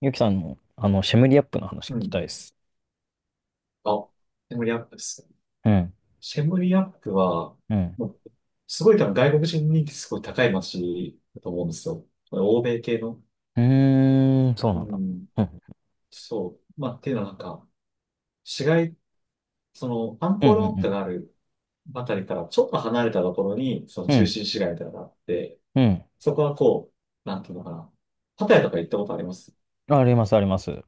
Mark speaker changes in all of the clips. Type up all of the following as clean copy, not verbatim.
Speaker 1: ゆきさんの、シェムリアップの話聞
Speaker 2: う
Speaker 1: きた
Speaker 2: ん。
Speaker 1: いです。
Speaker 2: あ、シェムリアップですね。
Speaker 1: うん、
Speaker 2: シェムリアップは、
Speaker 1: うん。
Speaker 2: もう、すごい多分外国人人気すごい高い街だと思うんですよ。欧米系の。
Speaker 1: うーん、そう
Speaker 2: う
Speaker 1: なんだ。
Speaker 2: ん。
Speaker 1: うん、
Speaker 2: そう。まあ、っていうのはなんか、市街、その、アン
Speaker 1: うん、
Speaker 2: コ
Speaker 1: う
Speaker 2: ールワット
Speaker 1: ん、
Speaker 2: があるあたりからちょっと離れたところに、その
Speaker 1: う
Speaker 2: 中
Speaker 1: ん、
Speaker 2: 心市街みたいなのがあって、
Speaker 1: うん。うん、
Speaker 2: そこはなんていうのかな。パタヤとか行ったことあります？
Speaker 1: あります、あります。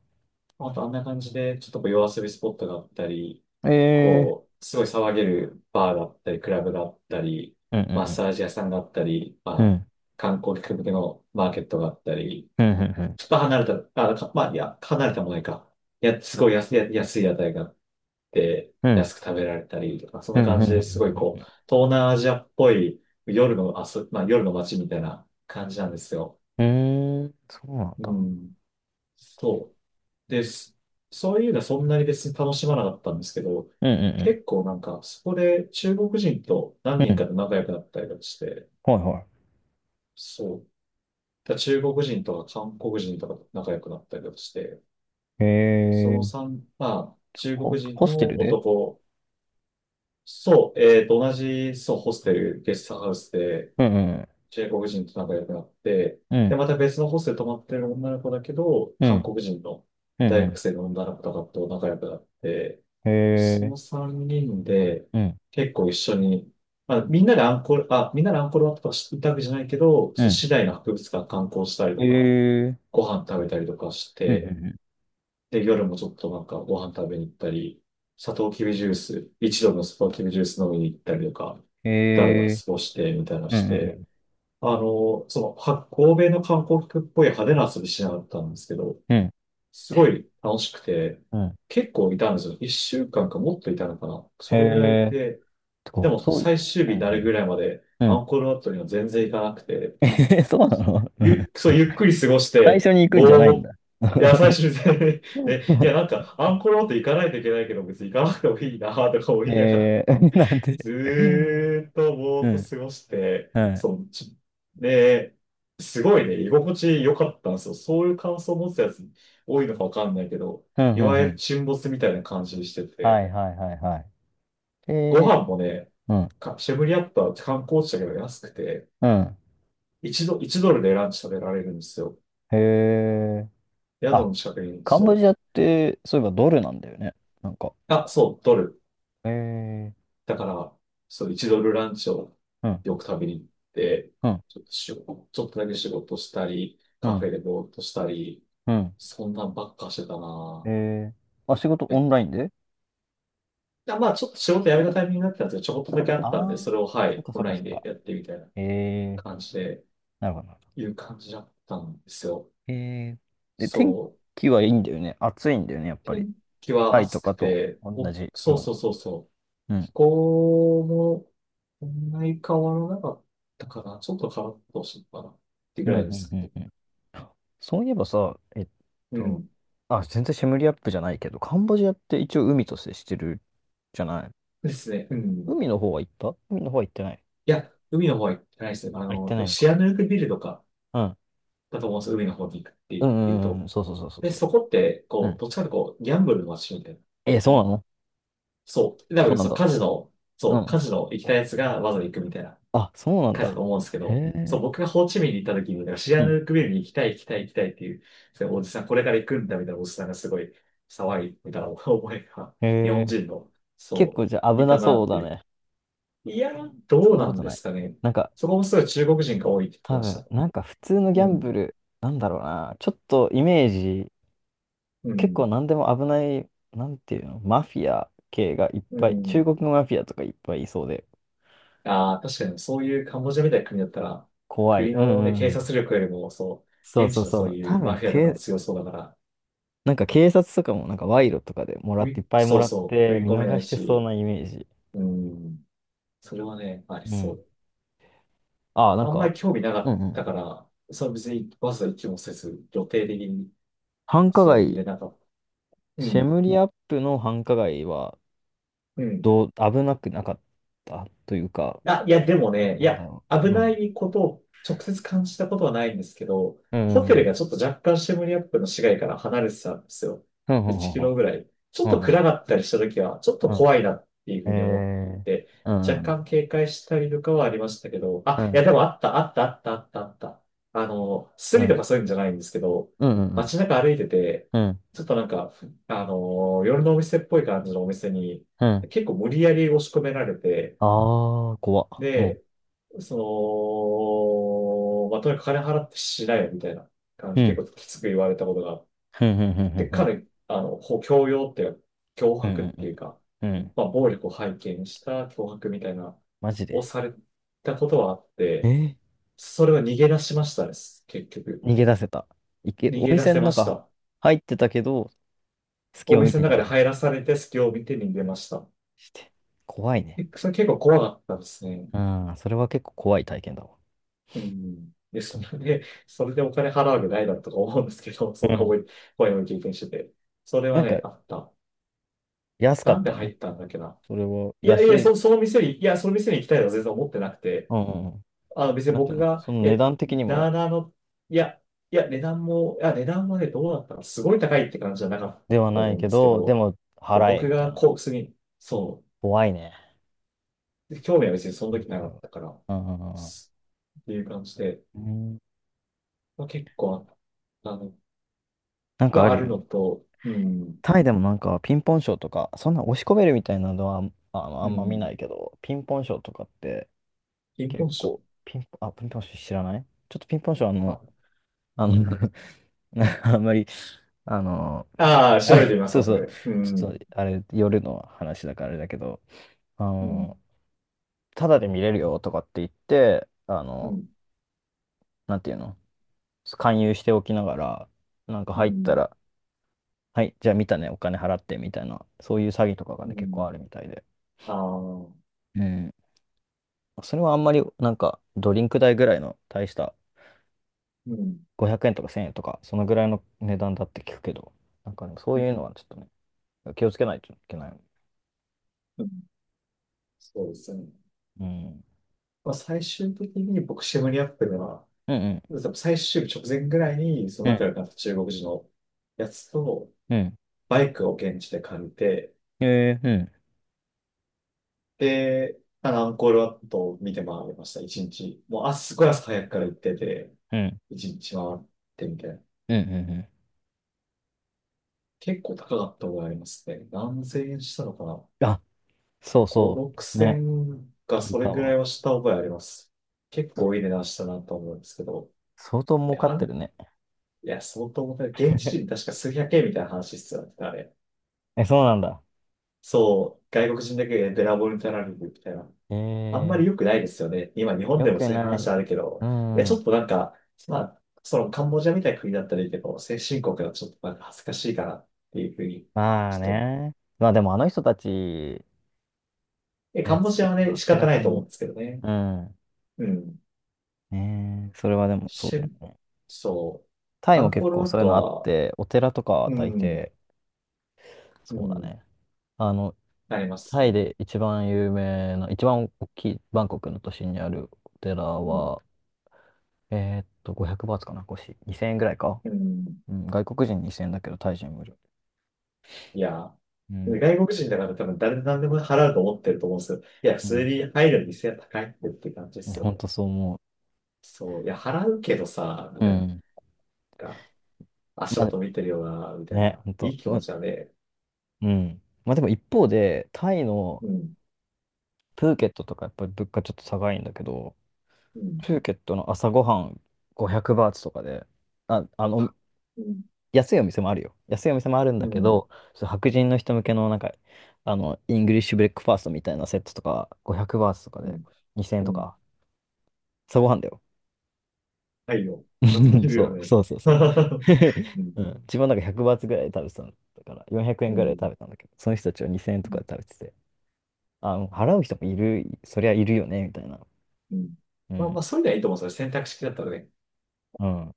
Speaker 2: あとあんな感じで、ちょっとこう夜遊びスポットがあったり、
Speaker 1: ええ
Speaker 2: こう、すごい騒げるバーだったり、クラブがあったり、
Speaker 1: ー、う
Speaker 2: マッ
Speaker 1: ん、うん、
Speaker 2: サージ屋さんがあったり、
Speaker 1: う
Speaker 2: まあ、
Speaker 1: ん。
Speaker 2: 観光客向けのマーケットがあったり、
Speaker 1: うん、うん、うん、
Speaker 2: ちょっと離れた、あ、かまあ、いや、離れたもないか。いや、すごい安い屋台があって、
Speaker 1: うん、うん、
Speaker 2: 安く食べられたりとか、そん
Speaker 1: う
Speaker 2: な
Speaker 1: ん、
Speaker 2: 感
Speaker 1: う
Speaker 2: じですごいこう、
Speaker 1: ん。
Speaker 2: 東南アジアっぽい夜の遊び、まあ、夜の街みたいな感じなんですよ。
Speaker 1: うん、うーん、そうなん
Speaker 2: う
Speaker 1: だ。
Speaker 2: ん。そう。で、すそういうのはそんなに別に楽しまなかったんですけど、
Speaker 1: うん、う
Speaker 2: 結構なんか、そこで中国人と何
Speaker 1: ん、うん。う
Speaker 2: 人か
Speaker 1: ん、
Speaker 2: と仲良くなったりとかして、
Speaker 1: はい、は
Speaker 2: そう。だから中国人とか韓国人とかと仲良くなったりとかして、
Speaker 1: い。え
Speaker 2: そ
Speaker 1: え
Speaker 2: の
Speaker 1: ー、
Speaker 2: 三まあ、中国人
Speaker 1: ホステ
Speaker 2: の
Speaker 1: ルで、
Speaker 2: 男、そう、同じ、そう、ホステル、ゲストハウスで、
Speaker 1: うん、うん、
Speaker 2: 中国人と仲良くなって、
Speaker 1: う
Speaker 2: で、
Speaker 1: ん、
Speaker 2: また別のホステル泊まってる女の子だけど、
Speaker 1: う
Speaker 2: 韓
Speaker 1: ん、
Speaker 2: 国人の
Speaker 1: う
Speaker 2: 大
Speaker 1: ん、
Speaker 2: 学
Speaker 1: う
Speaker 2: 生の女の子とかと仲良くなって、
Speaker 1: ん。え
Speaker 2: そ
Speaker 1: えー、
Speaker 2: の3人で
Speaker 1: うん、
Speaker 2: 結構一緒に、まあ、みんなでアンコールワットとか行ったわけじゃないけど、
Speaker 1: う
Speaker 2: その
Speaker 1: ん。
Speaker 2: 市内の博物館観光したり
Speaker 1: え
Speaker 2: とか、
Speaker 1: えー、
Speaker 2: ご飯食べたりとかし
Speaker 1: うん、うん、う
Speaker 2: て、
Speaker 1: ん。
Speaker 2: で、夜もちょっとなんかご飯食べに行ったり、サトウキビジュース、一度のサトウキビジュース飲みに行ったりとか、だらだら
Speaker 1: え
Speaker 2: 過
Speaker 1: え
Speaker 2: ごしてみたいな
Speaker 1: ー、う
Speaker 2: して、
Speaker 1: ん、
Speaker 2: 欧米の観光客っぽい派手な遊びしなかったんですけど、
Speaker 1: うん、うん。
Speaker 2: すごい楽しくて、
Speaker 1: うん、うん。
Speaker 2: 結構いたんですよ。一週間かんかもっといたのかな。
Speaker 1: へ
Speaker 2: それぐらい
Speaker 1: え。
Speaker 2: で、
Speaker 1: て
Speaker 2: でも
Speaker 1: そうい
Speaker 2: 最
Speaker 1: う、
Speaker 2: 終日になるぐらいまで
Speaker 1: うん。う
Speaker 2: ア
Speaker 1: ん
Speaker 2: ンコールワットには全然行かなくて、
Speaker 1: そうなの。うん。
Speaker 2: ゆっくり過ごし
Speaker 1: 最
Speaker 2: て、
Speaker 1: 初に行くんじゃないんだ。
Speaker 2: いや、最終日 ね、いや、なん か、アンコールワット行かないといけないけど、別に行かなくてもいいなとか思いながら
Speaker 1: えー、なんで。
Speaker 2: ずーっとぼ
Speaker 1: う
Speaker 2: ーっと
Speaker 1: ん。
Speaker 2: 過ごして、
Speaker 1: はい。
Speaker 2: で、すごいね、居心地良かったんですよ。そういう感想を持つやつ多いのかわかんないけど、
Speaker 1: うん、
Speaker 2: い
Speaker 1: うん、
Speaker 2: わ
Speaker 1: う
Speaker 2: ゆる
Speaker 1: ん。
Speaker 2: 沈没みたいな感じにして
Speaker 1: はい、
Speaker 2: て、
Speaker 1: はい、はい、はい。
Speaker 2: ご
Speaker 1: え
Speaker 2: 飯
Speaker 1: ー、
Speaker 2: もね、
Speaker 1: うん、
Speaker 2: かシェムリアットは観光地だけど安くて、
Speaker 1: うん。
Speaker 2: 1ドルでランチ食べられるんですよ。
Speaker 1: へえ。
Speaker 2: 宿
Speaker 1: あ、
Speaker 2: の近くに、
Speaker 1: カンボ
Speaker 2: そ
Speaker 1: ジ
Speaker 2: う。
Speaker 1: アって、そういえばドルなんだよね。なんか。
Speaker 2: あ、そう、ドル。
Speaker 1: えー、
Speaker 2: だから、そう、1ドルランチを
Speaker 1: うん、
Speaker 2: よく食べに行って、
Speaker 1: うん、
Speaker 2: ちょっとだけ仕事したり、
Speaker 1: う
Speaker 2: カフ
Speaker 1: ん、
Speaker 2: ェでぼーっとしたり、
Speaker 1: うん。
Speaker 2: そんなんばっかしてた
Speaker 1: え
Speaker 2: な
Speaker 1: ー、あ、仕事
Speaker 2: ぁ。
Speaker 1: オ
Speaker 2: え、
Speaker 1: ンラインで。
Speaker 2: あまあ、ちょっと仕事辞めたタイミングになってたんですけど、ちょこっとだけあ
Speaker 1: あ
Speaker 2: ったんで、
Speaker 1: あ
Speaker 2: そ
Speaker 1: ー、
Speaker 2: れを、は
Speaker 1: そっ
Speaker 2: い、
Speaker 1: か、
Speaker 2: オ
Speaker 1: そ
Speaker 2: ン
Speaker 1: っか、
Speaker 2: ライ
Speaker 1: そ
Speaker 2: ン
Speaker 1: っ
Speaker 2: で
Speaker 1: か。
Speaker 2: やってみたいな
Speaker 1: えー、
Speaker 2: 感じで、
Speaker 1: なるほど。
Speaker 2: いう感じだったんですよ。
Speaker 1: えー、で、天
Speaker 2: そう。
Speaker 1: 気はいいんだよね。暑いんだよね、やっぱり。
Speaker 2: 天気は
Speaker 1: タイと
Speaker 2: 暑
Speaker 1: か
Speaker 2: く
Speaker 1: と
Speaker 2: て、
Speaker 1: 同
Speaker 2: お、
Speaker 1: じ
Speaker 2: そう
Speaker 1: よう
Speaker 2: そう
Speaker 1: な。
Speaker 2: そうそう。
Speaker 1: う
Speaker 2: 気
Speaker 1: ん。
Speaker 2: 候も、そんなに変わらなかったかな。ちょっと変わったほしいかな。って
Speaker 1: う
Speaker 2: ぐ
Speaker 1: ん、うん、
Speaker 2: らいです。
Speaker 1: うん、うん。そういえばさ、
Speaker 2: う
Speaker 1: と、
Speaker 2: ん。
Speaker 1: あ、全然シェムリアップじゃないけど、カンボジアって一応海と接してるじゃない。
Speaker 2: ですね。うん。
Speaker 1: 海の方は行った、海の方は行ってない。
Speaker 2: いや、海の方は行ってないですね。あ
Speaker 1: あ、行っ
Speaker 2: の、多
Speaker 1: てな
Speaker 2: 分
Speaker 1: いの
Speaker 2: シア
Speaker 1: か。
Speaker 2: ヌークビルとか
Speaker 1: うん。
Speaker 2: だと思うんですよ。海の方に行くって
Speaker 1: うん、
Speaker 2: いう
Speaker 1: うん、
Speaker 2: と。
Speaker 1: うん。そう、そう、そう、そう、
Speaker 2: で、
Speaker 1: そ
Speaker 2: そこって、
Speaker 1: う。う
Speaker 2: こう、
Speaker 1: ん。
Speaker 2: どっちかというとこう、ギャンブルの街みたいな。
Speaker 1: えー、そう
Speaker 2: ね。
Speaker 1: なの、
Speaker 2: そう。多
Speaker 1: そ
Speaker 2: 分、
Speaker 1: うなん
Speaker 2: そう、
Speaker 1: だ。
Speaker 2: カジノ、
Speaker 1: う
Speaker 2: そう、
Speaker 1: ん。
Speaker 2: カジノ行きたいやつがわざわざ行くみたいな
Speaker 1: あ、そうなん
Speaker 2: 感じだ
Speaker 1: だ。
Speaker 2: と思うんですけ
Speaker 1: へ
Speaker 2: ど、そう、
Speaker 1: え。
Speaker 2: 僕がホーチミンに行った時に、なんかシ
Speaker 1: う
Speaker 2: アヌ
Speaker 1: ん。
Speaker 2: ークビルに行きたいっていう、そうおじさん、これから行くんだみたいなおじさんがすごい騒いみたいな思いが、日
Speaker 1: へ
Speaker 2: 本
Speaker 1: え。
Speaker 2: 人の、
Speaker 1: 結
Speaker 2: そ
Speaker 1: 構じゃあ
Speaker 2: う、
Speaker 1: 危
Speaker 2: い
Speaker 1: な
Speaker 2: たな
Speaker 1: そう
Speaker 2: って
Speaker 1: だ
Speaker 2: い
Speaker 1: ね。
Speaker 2: う。いや、ど
Speaker 1: そ
Speaker 2: う
Speaker 1: んなこ
Speaker 2: なん
Speaker 1: と
Speaker 2: で
Speaker 1: ない。
Speaker 2: すかね。
Speaker 1: なんか、
Speaker 2: そこもすごい中国人が多いって言って
Speaker 1: 多
Speaker 2: まし
Speaker 1: 分、
Speaker 2: た。
Speaker 1: なんか普通のギ
Speaker 2: う
Speaker 1: ャンブ
Speaker 2: ん。
Speaker 1: ル、なんだろうな、ちょっとイメージ、
Speaker 2: う
Speaker 1: 結構
Speaker 2: ん。
Speaker 1: 何でも危ない、なんていうの、マフィア系がいっ
Speaker 2: う
Speaker 1: ぱい、中
Speaker 2: ん。
Speaker 1: 国のマフィアとかいっぱいいそうで、
Speaker 2: ああ、確かにそういうカンボジアみたいな国だったら、
Speaker 1: 怖い。
Speaker 2: 国
Speaker 1: うん、う
Speaker 2: のね、
Speaker 1: ん、う
Speaker 2: 警
Speaker 1: ん。
Speaker 2: 察力よりも、そう、
Speaker 1: そう、
Speaker 2: 現
Speaker 1: そ
Speaker 2: 地
Speaker 1: う、
Speaker 2: の
Speaker 1: そ
Speaker 2: そう
Speaker 1: う。
Speaker 2: い
Speaker 1: 多
Speaker 2: うマ
Speaker 1: 分、
Speaker 2: フィアとか強そうだから、
Speaker 1: なんか警察とかもなんか賄賂とかでもら
Speaker 2: う
Speaker 1: って、い
Speaker 2: い
Speaker 1: っぱいも
Speaker 2: そう
Speaker 1: らっ
Speaker 2: そう、食
Speaker 1: て
Speaker 2: い
Speaker 1: 見
Speaker 2: 込めな
Speaker 1: 逃
Speaker 2: い
Speaker 1: してそう
Speaker 2: し、
Speaker 1: なイメージ。
Speaker 2: うん。それはね、あり
Speaker 1: う
Speaker 2: そ
Speaker 1: ん。
Speaker 2: う。
Speaker 1: ああ、なん
Speaker 2: あんま
Speaker 1: か、
Speaker 2: り興味なか
Speaker 1: う
Speaker 2: っ
Speaker 1: ん、うん。
Speaker 2: たから、それは別にわざわざ行きもせず、予定的に、
Speaker 1: 繁華
Speaker 2: そう、入
Speaker 1: 街、
Speaker 2: れなかった。う
Speaker 1: シェ
Speaker 2: ん。
Speaker 1: ムリアップの繁華街は、
Speaker 2: うん。
Speaker 1: どう、危なくなかったというか、
Speaker 2: あ、いや、でもね、い
Speaker 1: なんだ
Speaker 2: や、
Speaker 1: ろう。
Speaker 2: 危
Speaker 1: う
Speaker 2: な
Speaker 1: ん、
Speaker 2: いことを直接感じたことはないんですけど、
Speaker 1: うん、う
Speaker 2: ホ
Speaker 1: ん、う
Speaker 2: テル
Speaker 1: ん、
Speaker 2: がちょっと若干シェムリアップの市街から離れてたんですよ。
Speaker 1: うん、う
Speaker 2: 1
Speaker 1: ん、
Speaker 2: キロぐらい。ちょ
Speaker 1: う
Speaker 2: っと
Speaker 1: ん、うん、
Speaker 2: 暗かったりした時は、ちょっと
Speaker 1: うん、うん、う
Speaker 2: 怖いなっていうふう
Speaker 1: ん、
Speaker 2: に思っ
Speaker 1: え
Speaker 2: て、
Speaker 1: ー、うん、う
Speaker 2: 若
Speaker 1: ん、
Speaker 2: 干警戒したりとかはありましたけど、
Speaker 1: う
Speaker 2: あ、いや、
Speaker 1: ん、
Speaker 2: でもあった、あった、あった、あった、あった。あの、ス
Speaker 1: う
Speaker 2: リと
Speaker 1: ん、
Speaker 2: かそういうんじゃないんですけど、
Speaker 1: うん、
Speaker 2: 街中歩いてて、
Speaker 1: うん、
Speaker 2: ちょっとなんか、あの、夜のお店っぽい感じのお店に、
Speaker 1: うん、
Speaker 2: 結構無理やり押し込められて、
Speaker 1: ああー、怖っ。うん、
Speaker 2: で、その、まあ、とにかく金払ってしないよみたいな感
Speaker 1: う
Speaker 2: じ、結
Speaker 1: ん、
Speaker 2: 構きつく言われたことがあっ
Speaker 1: うん、うん、
Speaker 2: て、
Speaker 1: うん、
Speaker 2: 彼、あの、こう強要っていうか、脅
Speaker 1: う
Speaker 2: 迫っ
Speaker 1: ん、うん、う
Speaker 2: て
Speaker 1: ん、
Speaker 2: いうか、
Speaker 1: うん、うん、
Speaker 2: まあ、暴力を背景にした脅迫みたいな、
Speaker 1: マジ
Speaker 2: を
Speaker 1: で。
Speaker 2: されたことはあっ
Speaker 1: え
Speaker 2: て、
Speaker 1: ー、
Speaker 2: それを逃げ出しましたです、結局。
Speaker 1: 逃げ出せた。
Speaker 2: 逃
Speaker 1: お
Speaker 2: げ出
Speaker 1: 店
Speaker 2: せ
Speaker 1: の
Speaker 2: まし
Speaker 1: 中
Speaker 2: た。
Speaker 1: 入ってたけど、隙
Speaker 2: お
Speaker 1: を見
Speaker 2: 店
Speaker 1: て
Speaker 2: の
Speaker 1: 逃
Speaker 2: 中
Speaker 1: げ
Speaker 2: で
Speaker 1: 出
Speaker 2: 入らされて、隙を見て逃げました。
Speaker 1: して。怖いね。
Speaker 2: えそれ結構怖かったですね。
Speaker 1: うん、それは結構怖い体験だわ。
Speaker 2: うん。で、
Speaker 1: でも、
Speaker 2: それでお金払うわけないだとか思うんですけど、そん
Speaker 1: う
Speaker 2: な
Speaker 1: ん。
Speaker 2: 思い、怖いも経験してて。それは
Speaker 1: なんか、
Speaker 2: ね、あった。
Speaker 1: 安か
Speaker 2: な
Speaker 1: っ
Speaker 2: んで
Speaker 1: た
Speaker 2: 入
Speaker 1: の？
Speaker 2: ったんだっけな。
Speaker 1: それは、
Speaker 2: いやい
Speaker 1: 安
Speaker 2: や、
Speaker 1: い？
Speaker 2: その店に、いや、その店に行きたいとは全然思ってなくて、
Speaker 1: うん、うん、うん。
Speaker 2: あの別に
Speaker 1: なんてい
Speaker 2: 僕
Speaker 1: うの
Speaker 2: が、
Speaker 1: その値
Speaker 2: え、
Speaker 1: 段的に
Speaker 2: な
Speaker 1: も、
Speaker 2: あなあの、いや、いや、値段もね、どうだったか、すごい高いって感じじゃなかっ
Speaker 1: では
Speaker 2: たと
Speaker 1: な
Speaker 2: 思
Speaker 1: い
Speaker 2: うん
Speaker 1: け
Speaker 2: ですけ
Speaker 1: ど、で
Speaker 2: ど、
Speaker 1: も
Speaker 2: いや
Speaker 1: 払え、
Speaker 2: 僕
Speaker 1: みたい
Speaker 2: が
Speaker 1: な。
Speaker 2: こうースに、そ
Speaker 1: 怖いね。
Speaker 2: う、興味は別にその
Speaker 1: うん、
Speaker 2: 時な
Speaker 1: 怖
Speaker 2: か
Speaker 1: い
Speaker 2: っ
Speaker 1: わ。
Speaker 2: たから、
Speaker 1: うん、うん、
Speaker 2: すっていう感じで、
Speaker 1: うん。うん、
Speaker 2: まあ、結構あったの
Speaker 1: なんかあ
Speaker 2: はあ
Speaker 1: る
Speaker 2: る
Speaker 1: よね。
Speaker 2: のと、うん、
Speaker 1: タイでもなんかピンポンショーとか、そんな押し込めるみたいなのはあ、ああ
Speaker 2: う
Speaker 1: んま見
Speaker 2: ん、
Speaker 1: ないけど、ピンポンショーとかって
Speaker 2: 貧困
Speaker 1: 結
Speaker 2: 症。
Speaker 1: 構、ピンポン、あ、ピンポンショー知らない、ちょっとピンポンショー、
Speaker 2: あ、
Speaker 1: あの、あんまり、あの、
Speaker 2: ああ
Speaker 1: あ、
Speaker 2: 調べてみます、
Speaker 1: そう、
Speaker 2: 後
Speaker 1: そう、
Speaker 2: で。う
Speaker 1: ちょ
Speaker 2: ん、
Speaker 1: っとあれ、夜の話だからあれだけど、あ
Speaker 2: うん、
Speaker 1: の、ただで見れるよとかって言って、
Speaker 2: うん、
Speaker 1: なんていうの、勧誘しておきながら、なんか
Speaker 2: う
Speaker 1: 入った
Speaker 2: ん、
Speaker 1: ら、はい、じゃあ見たね、お金払ってみたいな、そういう詐欺とかが
Speaker 2: う
Speaker 1: ね、結構
Speaker 2: ん、
Speaker 1: あるみたいで。
Speaker 2: ああ、う
Speaker 1: うん。それはあんまり、なんか、ドリンク代ぐらいの大した
Speaker 2: ん、うん、
Speaker 1: 500円とか1000円とか、そのぐらいの値段だって聞くけど、なんかね、そういうのはちょっとね、気をつけないといけない。
Speaker 2: うんそうですね。
Speaker 1: うん。
Speaker 2: まあ、最終的に僕、シェムリアップでは、
Speaker 1: うん、うん。
Speaker 2: 多分最終日直前ぐらいに、そ
Speaker 1: う
Speaker 2: の仲
Speaker 1: ん。
Speaker 2: 良くなった中国人のやつと、
Speaker 1: うん。
Speaker 2: バイクを現地で借りて、
Speaker 1: えー、うん。
Speaker 2: で、まあの、アンコールワットを見て回りました、一日。もう、あ、すごい朝早くから行ってて、
Speaker 1: うん。
Speaker 2: 一日回ってみたいな。
Speaker 1: うん、うん、う
Speaker 2: 結構高かった覚えありますね。何千円したのかな？
Speaker 1: ん。あ、そう、
Speaker 2: 5、
Speaker 1: そ
Speaker 2: 6
Speaker 1: う。ね、
Speaker 2: 千か
Speaker 1: 聞い
Speaker 2: それ
Speaker 1: た
Speaker 2: ぐら
Speaker 1: わ。
Speaker 2: いはした覚えあります。結
Speaker 1: そ
Speaker 2: 構いい値段したなと思うんですけど。
Speaker 1: 相当
Speaker 2: い
Speaker 1: 儲か
Speaker 2: や、
Speaker 1: っ
Speaker 2: あ
Speaker 1: てる
Speaker 2: ん
Speaker 1: ね。
Speaker 2: いや相当重たい。現地人 確か数百円みたいな話必要だったあれ。
Speaker 1: え、そうなんだ。
Speaker 2: そう、外国人だけでべらぼうになられるみたいな。
Speaker 1: え
Speaker 2: あんま
Speaker 1: ー、
Speaker 2: り良くないですよね。今日本
Speaker 1: よ
Speaker 2: でも
Speaker 1: く
Speaker 2: そういう
Speaker 1: ない。
Speaker 2: 話あるけ
Speaker 1: う
Speaker 2: ど。いや、ち
Speaker 1: ん。
Speaker 2: ょっとなんか、まあ、そのカンボジアみたいな国だったらいいけど、先進国はちょっとなんか恥ずかしいかなっていうふうに、
Speaker 1: まあ
Speaker 2: ちょっと、
Speaker 1: ね。まあでもあの人たち、
Speaker 2: え、カ
Speaker 1: ね、
Speaker 2: ンボ
Speaker 1: 通
Speaker 2: ジアは
Speaker 1: 貨
Speaker 2: ね、
Speaker 1: が
Speaker 2: 仕
Speaker 1: 明
Speaker 2: 方
Speaker 1: ら
Speaker 2: ない
Speaker 1: か
Speaker 2: と思うん
Speaker 1: に。
Speaker 2: ですけどね。
Speaker 1: うん。
Speaker 2: うん。
Speaker 1: ねえ、それはでもそうだ
Speaker 2: し、
Speaker 1: よね。
Speaker 2: そう。
Speaker 1: タイ
Speaker 2: ア
Speaker 1: も
Speaker 2: ンコ
Speaker 1: 結
Speaker 2: ール
Speaker 1: 構
Speaker 2: ワッ
Speaker 1: そういう
Speaker 2: ト
Speaker 1: のあっ
Speaker 2: は、
Speaker 1: て、お寺とかは
Speaker 2: う
Speaker 1: 大
Speaker 2: ん、
Speaker 1: 抵、
Speaker 2: う
Speaker 1: そうだ
Speaker 2: ん、
Speaker 1: ね。あの、
Speaker 2: なります
Speaker 1: タ
Speaker 2: よ
Speaker 1: イ
Speaker 2: ね。
Speaker 1: で一番有名な、一番大きいバンコクの都心にあるお寺
Speaker 2: うん、
Speaker 1: は、500バーツかな、腰。2000円ぐらいか。
Speaker 2: うん。
Speaker 1: うん、外国人2000円だけど、タイ人無料。
Speaker 2: いや、
Speaker 1: うん、
Speaker 2: 外国人だから多分誰で何でも払うと思ってると思うんですけど、いや、普
Speaker 1: う
Speaker 2: 通
Speaker 1: ん。
Speaker 2: に入る店は高いってって感じですよ
Speaker 1: ほ
Speaker 2: ね。
Speaker 1: んとそう思
Speaker 2: そう。いや、払うけどさ、み
Speaker 1: う。う
Speaker 2: たいな。なん
Speaker 1: ん。
Speaker 2: か足
Speaker 1: まあ、
Speaker 2: 元見てるよな、みたい
Speaker 1: ね、
Speaker 2: な。
Speaker 1: ほん
Speaker 2: いい
Speaker 1: と。
Speaker 2: 気持ちだね。
Speaker 1: うん。まあでも一方で、タイの
Speaker 2: うん、
Speaker 1: プーケットとかやっぱり物価ちょっと高いんだけど、
Speaker 2: うん、
Speaker 1: プーケットの朝ごはん500バーツとかで、あ、
Speaker 2: うん、
Speaker 1: 安いお店もあるよ。安いお店もあるん
Speaker 2: う
Speaker 1: だけ
Speaker 2: ん、
Speaker 1: ど、そう白人の人向けのなんか、イングリッシュブレックファーストみたいなセットとか、500バーツとか
Speaker 2: う
Speaker 1: で
Speaker 2: ん、
Speaker 1: 2000円
Speaker 2: う
Speaker 1: と
Speaker 2: ん。
Speaker 1: か、朝ごはんだよ。
Speaker 2: はいよ。まず切 るよ
Speaker 1: そう、
Speaker 2: ね。
Speaker 1: そう、そう、そう。
Speaker 2: うん、
Speaker 1: うん、自分なんか100バーツぐらいで食べてたんだから、400
Speaker 2: う
Speaker 1: 円ぐらいで食
Speaker 2: ん。
Speaker 1: べたんだけど、その人たちは2000円とかで食べてて、あ、払う人もいる、そりゃいるよね、みたいな。
Speaker 2: うん。
Speaker 1: う
Speaker 2: まあま
Speaker 1: ん。
Speaker 2: あ、そういうのはいいと思うんですよ。選択肢だったらね。
Speaker 1: うん。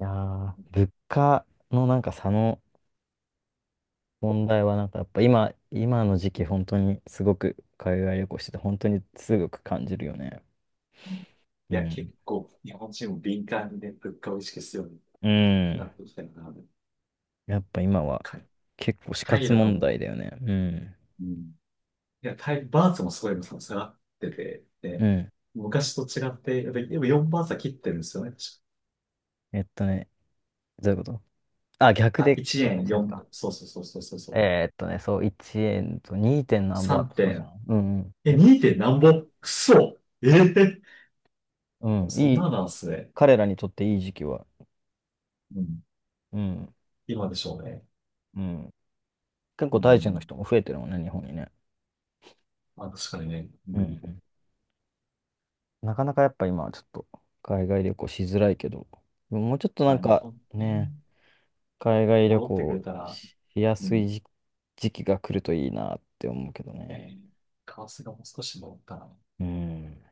Speaker 1: いやー、物価のなんか差の問題は、なんかやっぱ今、今の時期、本当にすごく海外旅行してて、本当にすごく感じるよね。う
Speaker 2: いや、
Speaker 1: ん。
Speaker 2: 結構、日本人も敏感にね、物価を意識するように
Speaker 1: う
Speaker 2: な
Speaker 1: ん。
Speaker 2: ってきたよな。
Speaker 1: やっぱ今は
Speaker 2: か
Speaker 1: 結構死
Speaker 2: タイ
Speaker 1: 活
Speaker 2: とか
Speaker 1: 問題
Speaker 2: も、
Speaker 1: だよね。うん。
Speaker 2: うん。いや、タイ、バーツもすごい下がってて、
Speaker 1: う
Speaker 2: で、
Speaker 1: ん。
Speaker 2: 昔と違って、やっぱ4バーツは切ってるんですよね。確か
Speaker 1: えっとね、どういうこと、あ、逆
Speaker 2: あ、
Speaker 1: で
Speaker 2: 1
Speaker 1: 計算
Speaker 2: 円
Speaker 1: してるの
Speaker 2: 4、
Speaker 1: か。
Speaker 2: そうそうそうそうそうそう。
Speaker 1: そう、1円と 2. 何バー
Speaker 2: 3
Speaker 1: とかじゃ
Speaker 2: 点、
Speaker 1: ん。うん、うん。
Speaker 2: え、
Speaker 1: え、
Speaker 2: 2点何ぼくそええ
Speaker 1: うん。
Speaker 2: そん
Speaker 1: い
Speaker 2: な
Speaker 1: い、
Speaker 2: のなんですね。
Speaker 1: 彼らにとっていい時期は。
Speaker 2: うん。
Speaker 1: うん、
Speaker 2: 今でしょうね。
Speaker 1: うん。結
Speaker 2: う
Speaker 1: 構タイ人の
Speaker 2: ん。
Speaker 1: 人も増えてるもんね、日本にね。
Speaker 2: まあ、確かにね。
Speaker 1: う
Speaker 2: う
Speaker 1: ん。
Speaker 2: ん。
Speaker 1: うん、なかなかやっぱ今はちょっと海外旅行しづらいけど、もうちょっとな
Speaker 2: ま
Speaker 1: ん
Speaker 2: あ、日
Speaker 1: か
Speaker 2: 本ね。
Speaker 1: ね、海外旅
Speaker 2: 戻ってくれ
Speaker 1: 行
Speaker 2: たら、
Speaker 1: しや
Speaker 2: う
Speaker 1: す
Speaker 2: ん、
Speaker 1: い時、時期が来るといいなって思うけど
Speaker 2: え
Speaker 1: ね。
Speaker 2: ー、カワスがもう少し戻ったら、
Speaker 1: うん。